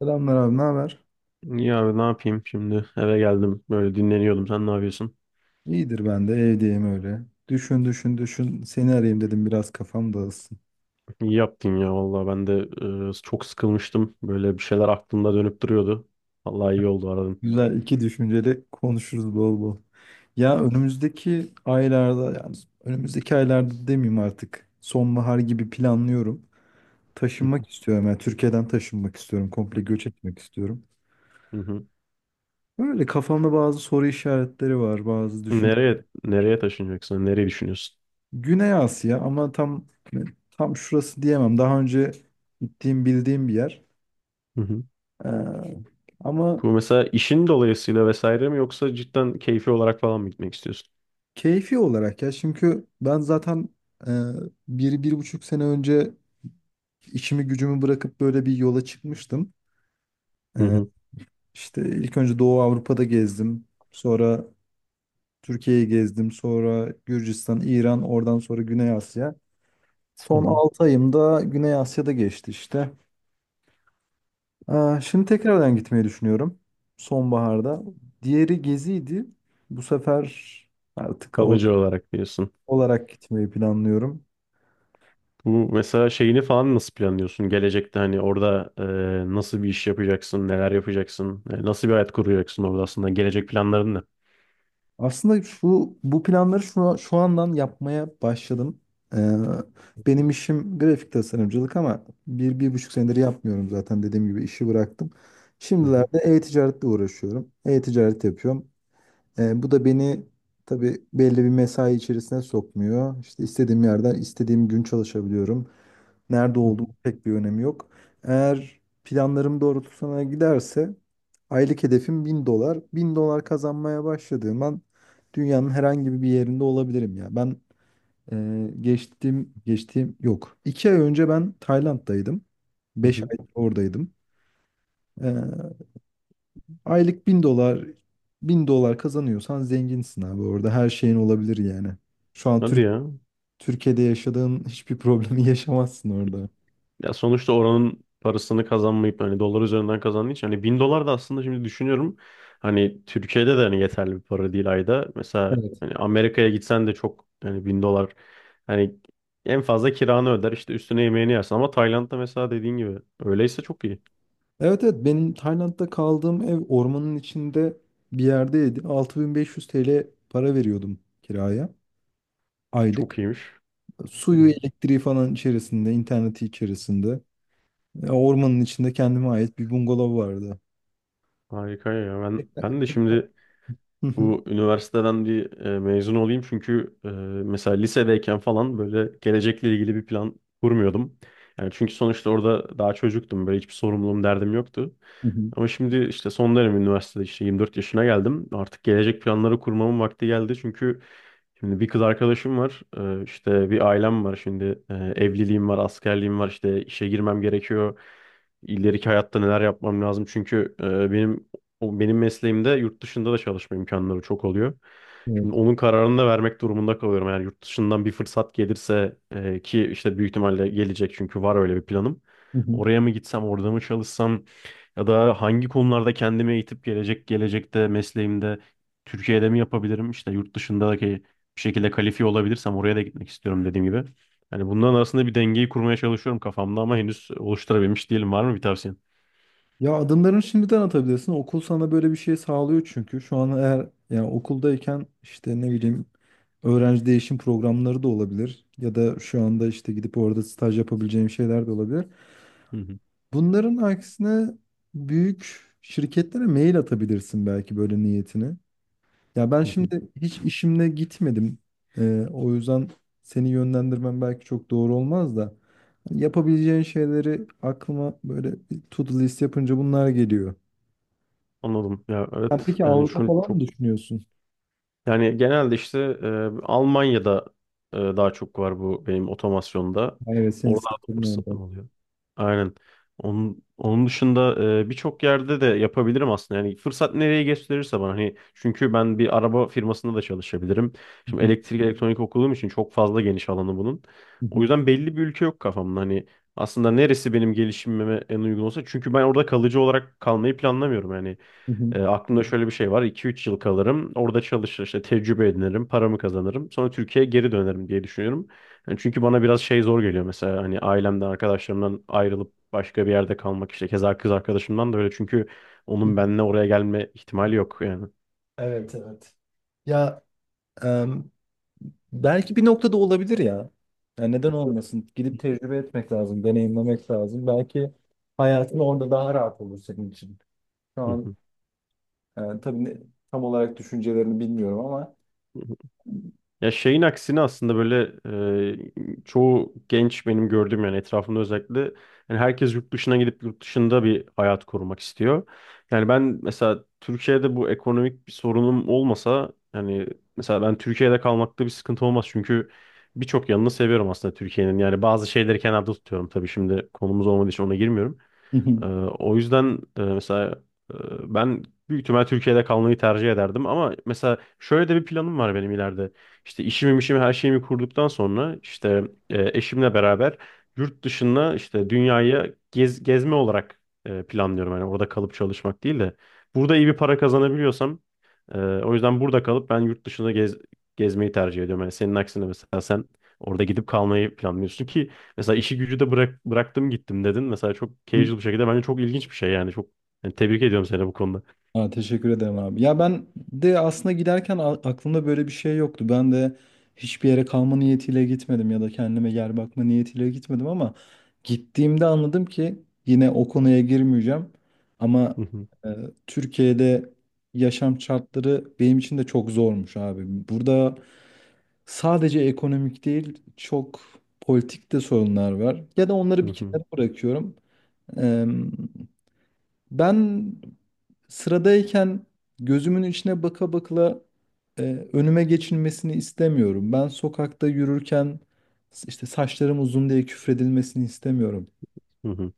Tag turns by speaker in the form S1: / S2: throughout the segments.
S1: Selamlar abi, ne haber?
S2: Ya abi ne yapayım şimdi? Eve geldim. Böyle dinleniyordum. Sen ne yapıyorsun?
S1: İyidir ben de evdeyim öyle. Düşün düşün düşün seni arayayım dedim biraz kafam dağılsın.
S2: İyi yaptın ya vallahi. Ben de çok sıkılmıştım. Böyle bir şeyler aklımda dönüp duruyordu. Vallahi iyi oldu aradım.
S1: Güzel iki düşünceli konuşuruz bol bol. Ya önümüzdeki aylarda yani önümüzdeki aylarda demeyeyim artık sonbahar gibi planlıyorum.
S2: Hı
S1: Taşınmak istiyorum yani Türkiye'den taşınmak istiyorum. Komple göç etmek istiyorum.
S2: hı, hı hı.
S1: Böyle kafamda bazı soru işaretleri var bazı düşün.
S2: Nereye nereye taşınacaksın? Nereyi düşünüyorsun?
S1: Güney Asya ama tam şurası diyemem. Daha önce gittiğim bildiğim bir yer.
S2: Hı hı.
S1: Ee, ama
S2: Bu mesela işin dolayısıyla vesaire mi yoksa cidden keyfi olarak falan mı gitmek istiyorsun?
S1: keyfi olarak ya çünkü ben zaten e, 1, 1,5 sene önce işimi gücümü bırakıp böyle bir yola çıkmıştım.
S2: Hı
S1: Ee,
S2: hı,
S1: işte ilk önce Doğu Avrupa'da gezdim. Sonra Türkiye'yi gezdim. Sonra Gürcistan, İran, oradan sonra Güney Asya.
S2: hı
S1: Son
S2: hı.
S1: 6 ayım da Güney Asya'da geçti işte. Şimdi tekrardan gitmeyi düşünüyorum. Sonbaharda. Diğeri geziydi. Bu sefer artık orada
S2: Kalıcı olarak diyorsun.
S1: olarak gitmeyi planlıyorum.
S2: Bu mesela şeyini falan nasıl planlıyorsun? Gelecekte hani orada nasıl bir iş yapacaksın, neler yapacaksın, nasıl bir hayat kuracaksın orada aslında gelecek planların ne?
S1: Aslında şu bu planları şu andan yapmaya başladım. Ee, Benim işim grafik tasarımcılık ama 1, 1,5 senedir yapmıyorum zaten dediğim gibi işi bıraktım.
S2: Hı hı,
S1: Şimdilerde e-ticaretle uğraşıyorum. E-ticaret yapıyorum. Bu da beni tabii belli bir mesai içerisine sokmuyor. İşte istediğim yerden istediğim gün çalışabiliyorum. Nerede
S2: hı
S1: olduğumun
S2: hı,
S1: pek bir önemi yok. Eğer planlarım doğrultusuna giderse aylık hedefim 1.000 dolar. 1.000 dolar kazanmaya başladığım an dünyanın herhangi bir yerinde olabilirim ya. Ben geçtiğim yok. 2 ay önce ben Tayland'daydım.
S2: hı
S1: beş
S2: hı.
S1: ay oradaydım. E, Aylık 1.000 dolar 1.000 dolar kazanıyorsan zenginsin abi orada her şeyin olabilir yani. Şu an
S2: Hadi ya.
S1: Türkiye'de yaşadığın hiçbir problemi yaşamazsın orada.
S2: Ya sonuçta oranın parasını kazanmayıp hani dolar üzerinden kazandığın için hani 1.000 dolar da aslında şimdi düşünüyorum hani Türkiye'de de hani yeterli bir para değil ayda. Mesela
S1: Evet.
S2: hani Amerika'ya gitsen de çok hani 1.000 dolar hani en fazla kiranı öder işte üstüne yemeğini yersin ama Tayland'da mesela dediğin gibi öyleyse çok iyi.
S1: Evet evet benim Tayland'da kaldığım ev ormanın içinde bir yerdeydi. 6.500 TL para veriyordum kiraya
S2: Çok
S1: aylık.
S2: iyiymiş.
S1: Suyu, elektriği falan içerisinde, interneti içerisinde. Ormanın içinde kendime ait bir bungalov vardı.
S2: Harika ya.
S1: Tek-
S2: Ben de
S1: tek-
S2: şimdi
S1: Hı hı.
S2: bu üniversiteden bir mezun olayım çünkü mesela lisedeyken falan böyle gelecekle ilgili bir plan kurmuyordum. Yani çünkü sonuçta orada daha çocuktum. Böyle hiçbir sorumluluğum, derdim yoktu.
S1: Hı hı.
S2: Ama şimdi işte son dönem üniversitede işte 24 yaşına geldim. Artık gelecek planları kurmamın vakti geldi. Çünkü şimdi bir kız arkadaşım var. İşte bir ailem var. Şimdi evliliğim var, askerliğim var. İşte işe girmem gerekiyor. İleriki hayatta neler yapmam lazım. Çünkü benim o benim mesleğimde yurt dışında da çalışma imkanları çok oluyor. Şimdi
S1: Evet.
S2: onun kararını da vermek durumunda kalıyorum. Eğer yurt dışından bir fırsat gelirse ki işte büyük ihtimalle gelecek çünkü var öyle bir planım.
S1: Hı hı.
S2: Oraya mı gitsem, orada mı çalışsam? Ya da hangi konularda kendimi eğitip gelecekte mesleğimde Türkiye'de mi yapabilirim? İşte yurt dışındaki bir şekilde kalifiye olabilirsem oraya da gitmek istiyorum dediğim gibi. Yani bunların arasında bir dengeyi kurmaya çalışıyorum kafamda ama henüz oluşturabilmiş değilim. Var mı bir tavsiyen?
S1: Ya adımlarını şimdiden atabilirsin. Okul sana böyle bir şey sağlıyor çünkü. Şu an eğer yani okuldayken işte ne bileyim öğrenci değişim programları da olabilir. Ya da şu anda işte gidip orada staj yapabileceğim şeyler de olabilir.
S2: Hı hı,
S1: Bunların aksine büyük şirketlere mail atabilirsin belki böyle niyetini. Ya ben
S2: hı hı.
S1: şimdi hiç işimle gitmedim. O yüzden seni yönlendirmem belki çok doğru olmaz da. Yapabileceğin şeyleri aklıma böyle bir to-do list yapınca bunlar geliyor.
S2: Anladım. Ya
S1: Sen
S2: evet
S1: peki
S2: yani
S1: Avrupa
S2: şu
S1: falan mı
S2: çok.
S1: düşünüyorsun?
S2: Yani genelde işte Almanya'da daha çok var bu benim otomasyonda.
S1: Ha, evet, senin
S2: Oralarda
S1: sektörün orada.
S2: fırsatım oluyor. Aynen. Onun dışında birçok yerde de yapabilirim aslında. Yani fırsat nereye gösterirse bana hani çünkü ben bir araba firmasında da çalışabilirim.
S1: Hı
S2: Şimdi
S1: hı,
S2: elektrik elektronik okuduğum için çok fazla geniş alanı bunun.
S1: hı
S2: O
S1: hı,
S2: yüzden belli bir ülke yok kafamda. Hani aslında neresi benim gelişimime en uygun olsa çünkü ben orada kalıcı olarak kalmayı planlamıyorum yani.
S1: hı hı.
S2: Aklımda şöyle bir şey var. 2-3 yıl kalırım. Orada çalışır, işte tecrübe edinirim, paramı kazanırım. Sonra Türkiye'ye geri dönerim diye düşünüyorum. Yani çünkü bana biraz şey zor geliyor mesela hani ailemden, arkadaşlarımdan ayrılıp başka bir yerde kalmak işte keza kız arkadaşımdan da öyle çünkü onun benimle oraya gelme ihtimali yok yani.
S1: Evet evet. Ya e, belki bir noktada olabilir ya. Yani neden olmasın? Gidip tecrübe etmek lazım, deneyimlemek lazım. Belki hayatın orada daha rahat olur senin için. Şu
S2: Hı
S1: an tabii tam olarak düşüncelerini bilmiyorum ama
S2: hı. Ya şeyin aksine aslında böyle çoğu genç benim gördüğüm yani etrafımda özellikle yani herkes yurt dışına gidip yurt dışında bir hayat kurmak istiyor. Yani ben mesela Türkiye'de bu ekonomik bir sorunum olmasa yani mesela ben Türkiye'de kalmakta bir sıkıntı olmaz çünkü birçok yanını seviyorum aslında Türkiye'nin. Yani bazı şeyleri kenarda tutuyorum tabii şimdi konumuz olmadığı için ona girmiyorum. Ee, o yüzden mesela e, ben büyük ihtimal Türkiye'de kalmayı tercih ederdim ama mesela şöyle de bir planım var benim ileride. İşte işimi her şeyimi kurduktan sonra işte eşimle beraber yurt dışında işte dünyayı gezme olarak planlıyorum. Yani orada kalıp çalışmak değil de burada iyi bir para kazanabiliyorsam o yüzden burada kalıp ben yurt dışında gezmeyi tercih ediyorum. Yani senin aksine mesela sen orada gidip kalmayı planlıyorsun ki mesela işi gücü de bıraktım gittim dedin. Mesela çok casual bir şekilde bence çok ilginç bir şey yani. Çok yani tebrik ediyorum seni bu konuda.
S1: ha, teşekkür ederim abi. Ya ben de aslında giderken aklımda böyle bir şey yoktu. Ben de hiçbir yere kalma niyetiyle gitmedim ya da kendime yer bakma niyetiyle gitmedim ama gittiğimde anladım ki yine o konuya girmeyeceğim. Ama
S2: Hı hı,
S1: e, Türkiye'de yaşam şartları benim için de çok zormuş abi. Burada sadece ekonomik değil çok politik de sorunlar var. Ya da
S2: hı
S1: onları bir
S2: hı,
S1: kenara bırakıyorum. Ben sıradayken gözümün içine baka bakla e, önüme geçilmesini istemiyorum. Ben sokakta yürürken işte saçlarım uzun diye küfredilmesini istemiyorum.
S2: hı hı,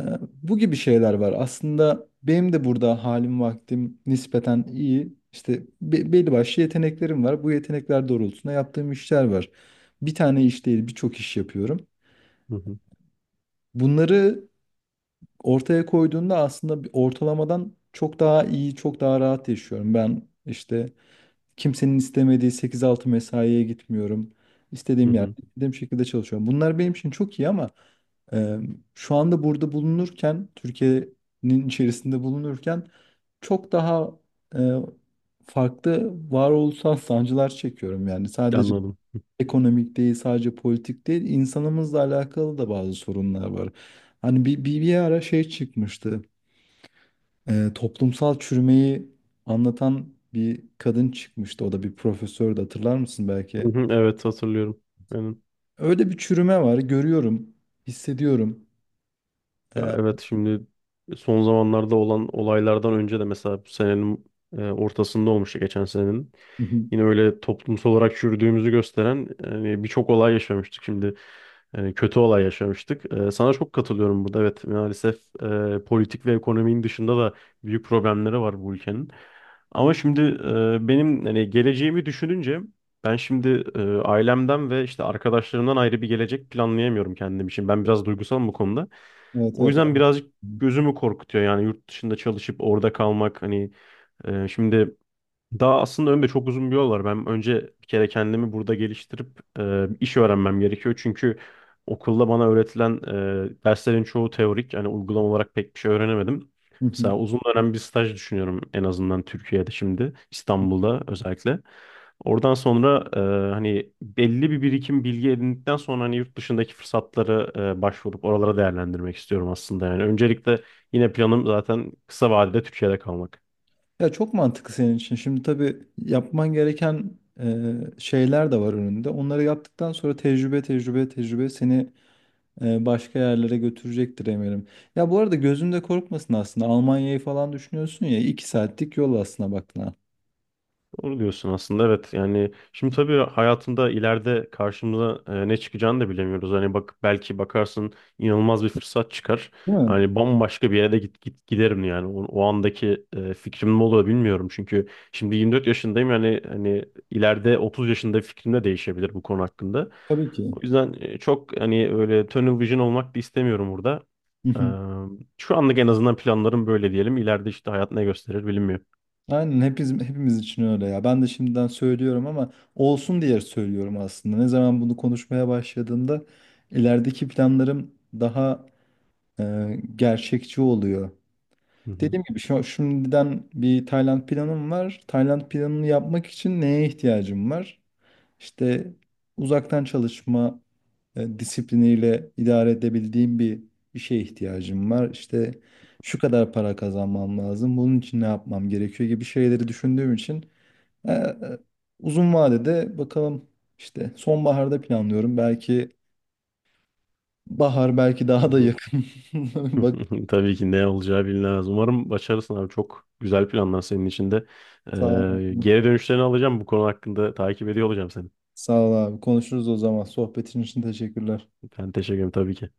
S1: E, Bu gibi şeyler var. Aslında benim de burada halim vaktim nispeten iyi. İşte belli başlı yeteneklerim var. Bu yetenekler doğrultusunda yaptığım işler var. Bir tane iş değil, birçok iş yapıyorum.
S2: hı hı,
S1: Bunları ortaya koyduğunda aslında bir ortalamadan çok daha iyi, çok daha rahat yaşıyorum. Ben işte kimsenin istemediği 8-6 mesaiye gitmiyorum.
S2: hı
S1: İstediğim yerde,
S2: hı.
S1: istediğim şekilde çalışıyorum. Bunlar benim için çok iyi ama e, şu anda burada bulunurken, Türkiye'nin içerisinde bulunurken çok daha e, farklı varoluşsal sancılar çekiyorum. Yani sadece
S2: Anladım.
S1: ekonomik değil, sadece politik değil, insanımızla alakalı da bazı sorunlar var. Hani bir ara şey çıkmıştı, toplumsal çürümeyi anlatan bir kadın çıkmıştı. O da bir profesördü, hatırlar mısın
S2: Hı
S1: belki?
S2: hı. Evet, hatırlıyorum. Aynen.
S1: Öyle bir çürüme var, görüyorum, hissediyorum.
S2: Ya
S1: E,
S2: evet şimdi son zamanlarda olan olaylardan önce de mesela bu senenin ortasında olmuştu geçen senenin.
S1: Hı hı.
S2: Yine öyle toplumsal olarak çürüdüğümüzü gösteren yani birçok olay yaşamıştık şimdi. Yani kötü olay yaşamıştık. Sana çok katılıyorum burada. Evet maalesef politik ve ekonominin dışında da büyük problemleri var bu ülkenin. Ama şimdi benim hani geleceğimi düşününce ben şimdi ailemden ve işte arkadaşlarımdan ayrı bir gelecek planlayamıyorum kendim için. Ben biraz duygusalım bu konuda.
S1: Evet
S2: O
S1: evet.
S2: yüzden
S1: Anladım.
S2: birazcık gözümü korkutuyor yani yurt dışında çalışıp orada kalmak hani şimdi daha aslında önümde çok uzun bir yol var. Ben önce bir kere kendimi burada geliştirip iş öğrenmem gerekiyor. Çünkü okulda bana öğretilen derslerin çoğu teorik. Yani uygulama olarak pek bir şey öğrenemedim.
S1: Hı hı.
S2: Mesela uzun dönem bir staj düşünüyorum en azından Türkiye'de şimdi, İstanbul'da özellikle. Oradan sonra hani belli bir birikim bilgi edindikten sonra hani yurt dışındaki fırsatları başvurup oralara değerlendirmek istiyorum aslında. Yani öncelikle yine planım zaten kısa vadede Türkiye'de kalmak.
S1: Ya çok mantıklı senin için. Şimdi tabii yapman gereken şeyler de var önünde. Onları yaptıktan sonra tecrübe, tecrübe, tecrübe seni başka yerlere götürecektir eminim. Ya bu arada gözünde korkmasın aslında. Almanya'yı falan düşünüyorsun ya. 2 saatlik yol aslında baktığına.
S2: Doğru diyorsun aslında evet yani şimdi tabii hayatında ileride karşımıza ne çıkacağını da bilemiyoruz. Hani bak belki bakarsın inanılmaz bir fırsat çıkar.
S1: Değil mi?
S2: Hani bambaşka bir yere de git giderim yani o andaki fikrim ne olur bilmiyorum. Çünkü şimdi 24 yaşındayım yani hani ileride 30 yaşında fikrim de değişebilir bu konu hakkında.
S1: Tabii ki.
S2: O yüzden çok hani öyle tunnel vision olmak da istemiyorum burada.
S1: Hı
S2: Eee,
S1: hı.
S2: şu anlık en azından planlarım böyle diyelim. İleride işte hayat ne gösterir bilinmiyor.
S1: Aynen hepimiz için öyle ya. Ben de şimdiden söylüyorum ama olsun diye söylüyorum aslında. Ne zaman bunu konuşmaya başladığımda ilerideki planlarım daha gerçekçi oluyor.
S2: Hı hı.
S1: Dediğim gibi şimdiden bir Tayland planım var. Tayland planını yapmak için neye ihtiyacım var? İşte uzaktan çalışma disipliniyle idare edebildiğim bir işe ihtiyacım var. İşte şu kadar para kazanmam lazım. Bunun için ne yapmam gerekiyor gibi şeyleri düşündüğüm için e, e, uzun vadede bakalım işte sonbaharda planlıyorum. Belki bahar belki
S2: Hı
S1: daha da
S2: hı.
S1: yakın. Bak
S2: Tabii ki ne olacağı bilinmez. Umarım başarırsın abi. Çok güzel planlar senin için de.
S1: sağ ol
S2: Ee,
S1: abi.
S2: geri dönüşlerini alacağım. Bu konu hakkında takip ediyor olacağım seni.
S1: Sağ ol abi. Konuşuruz o zaman. Sohbetin için teşekkürler.
S2: Ben teşekkür ederim tabii ki.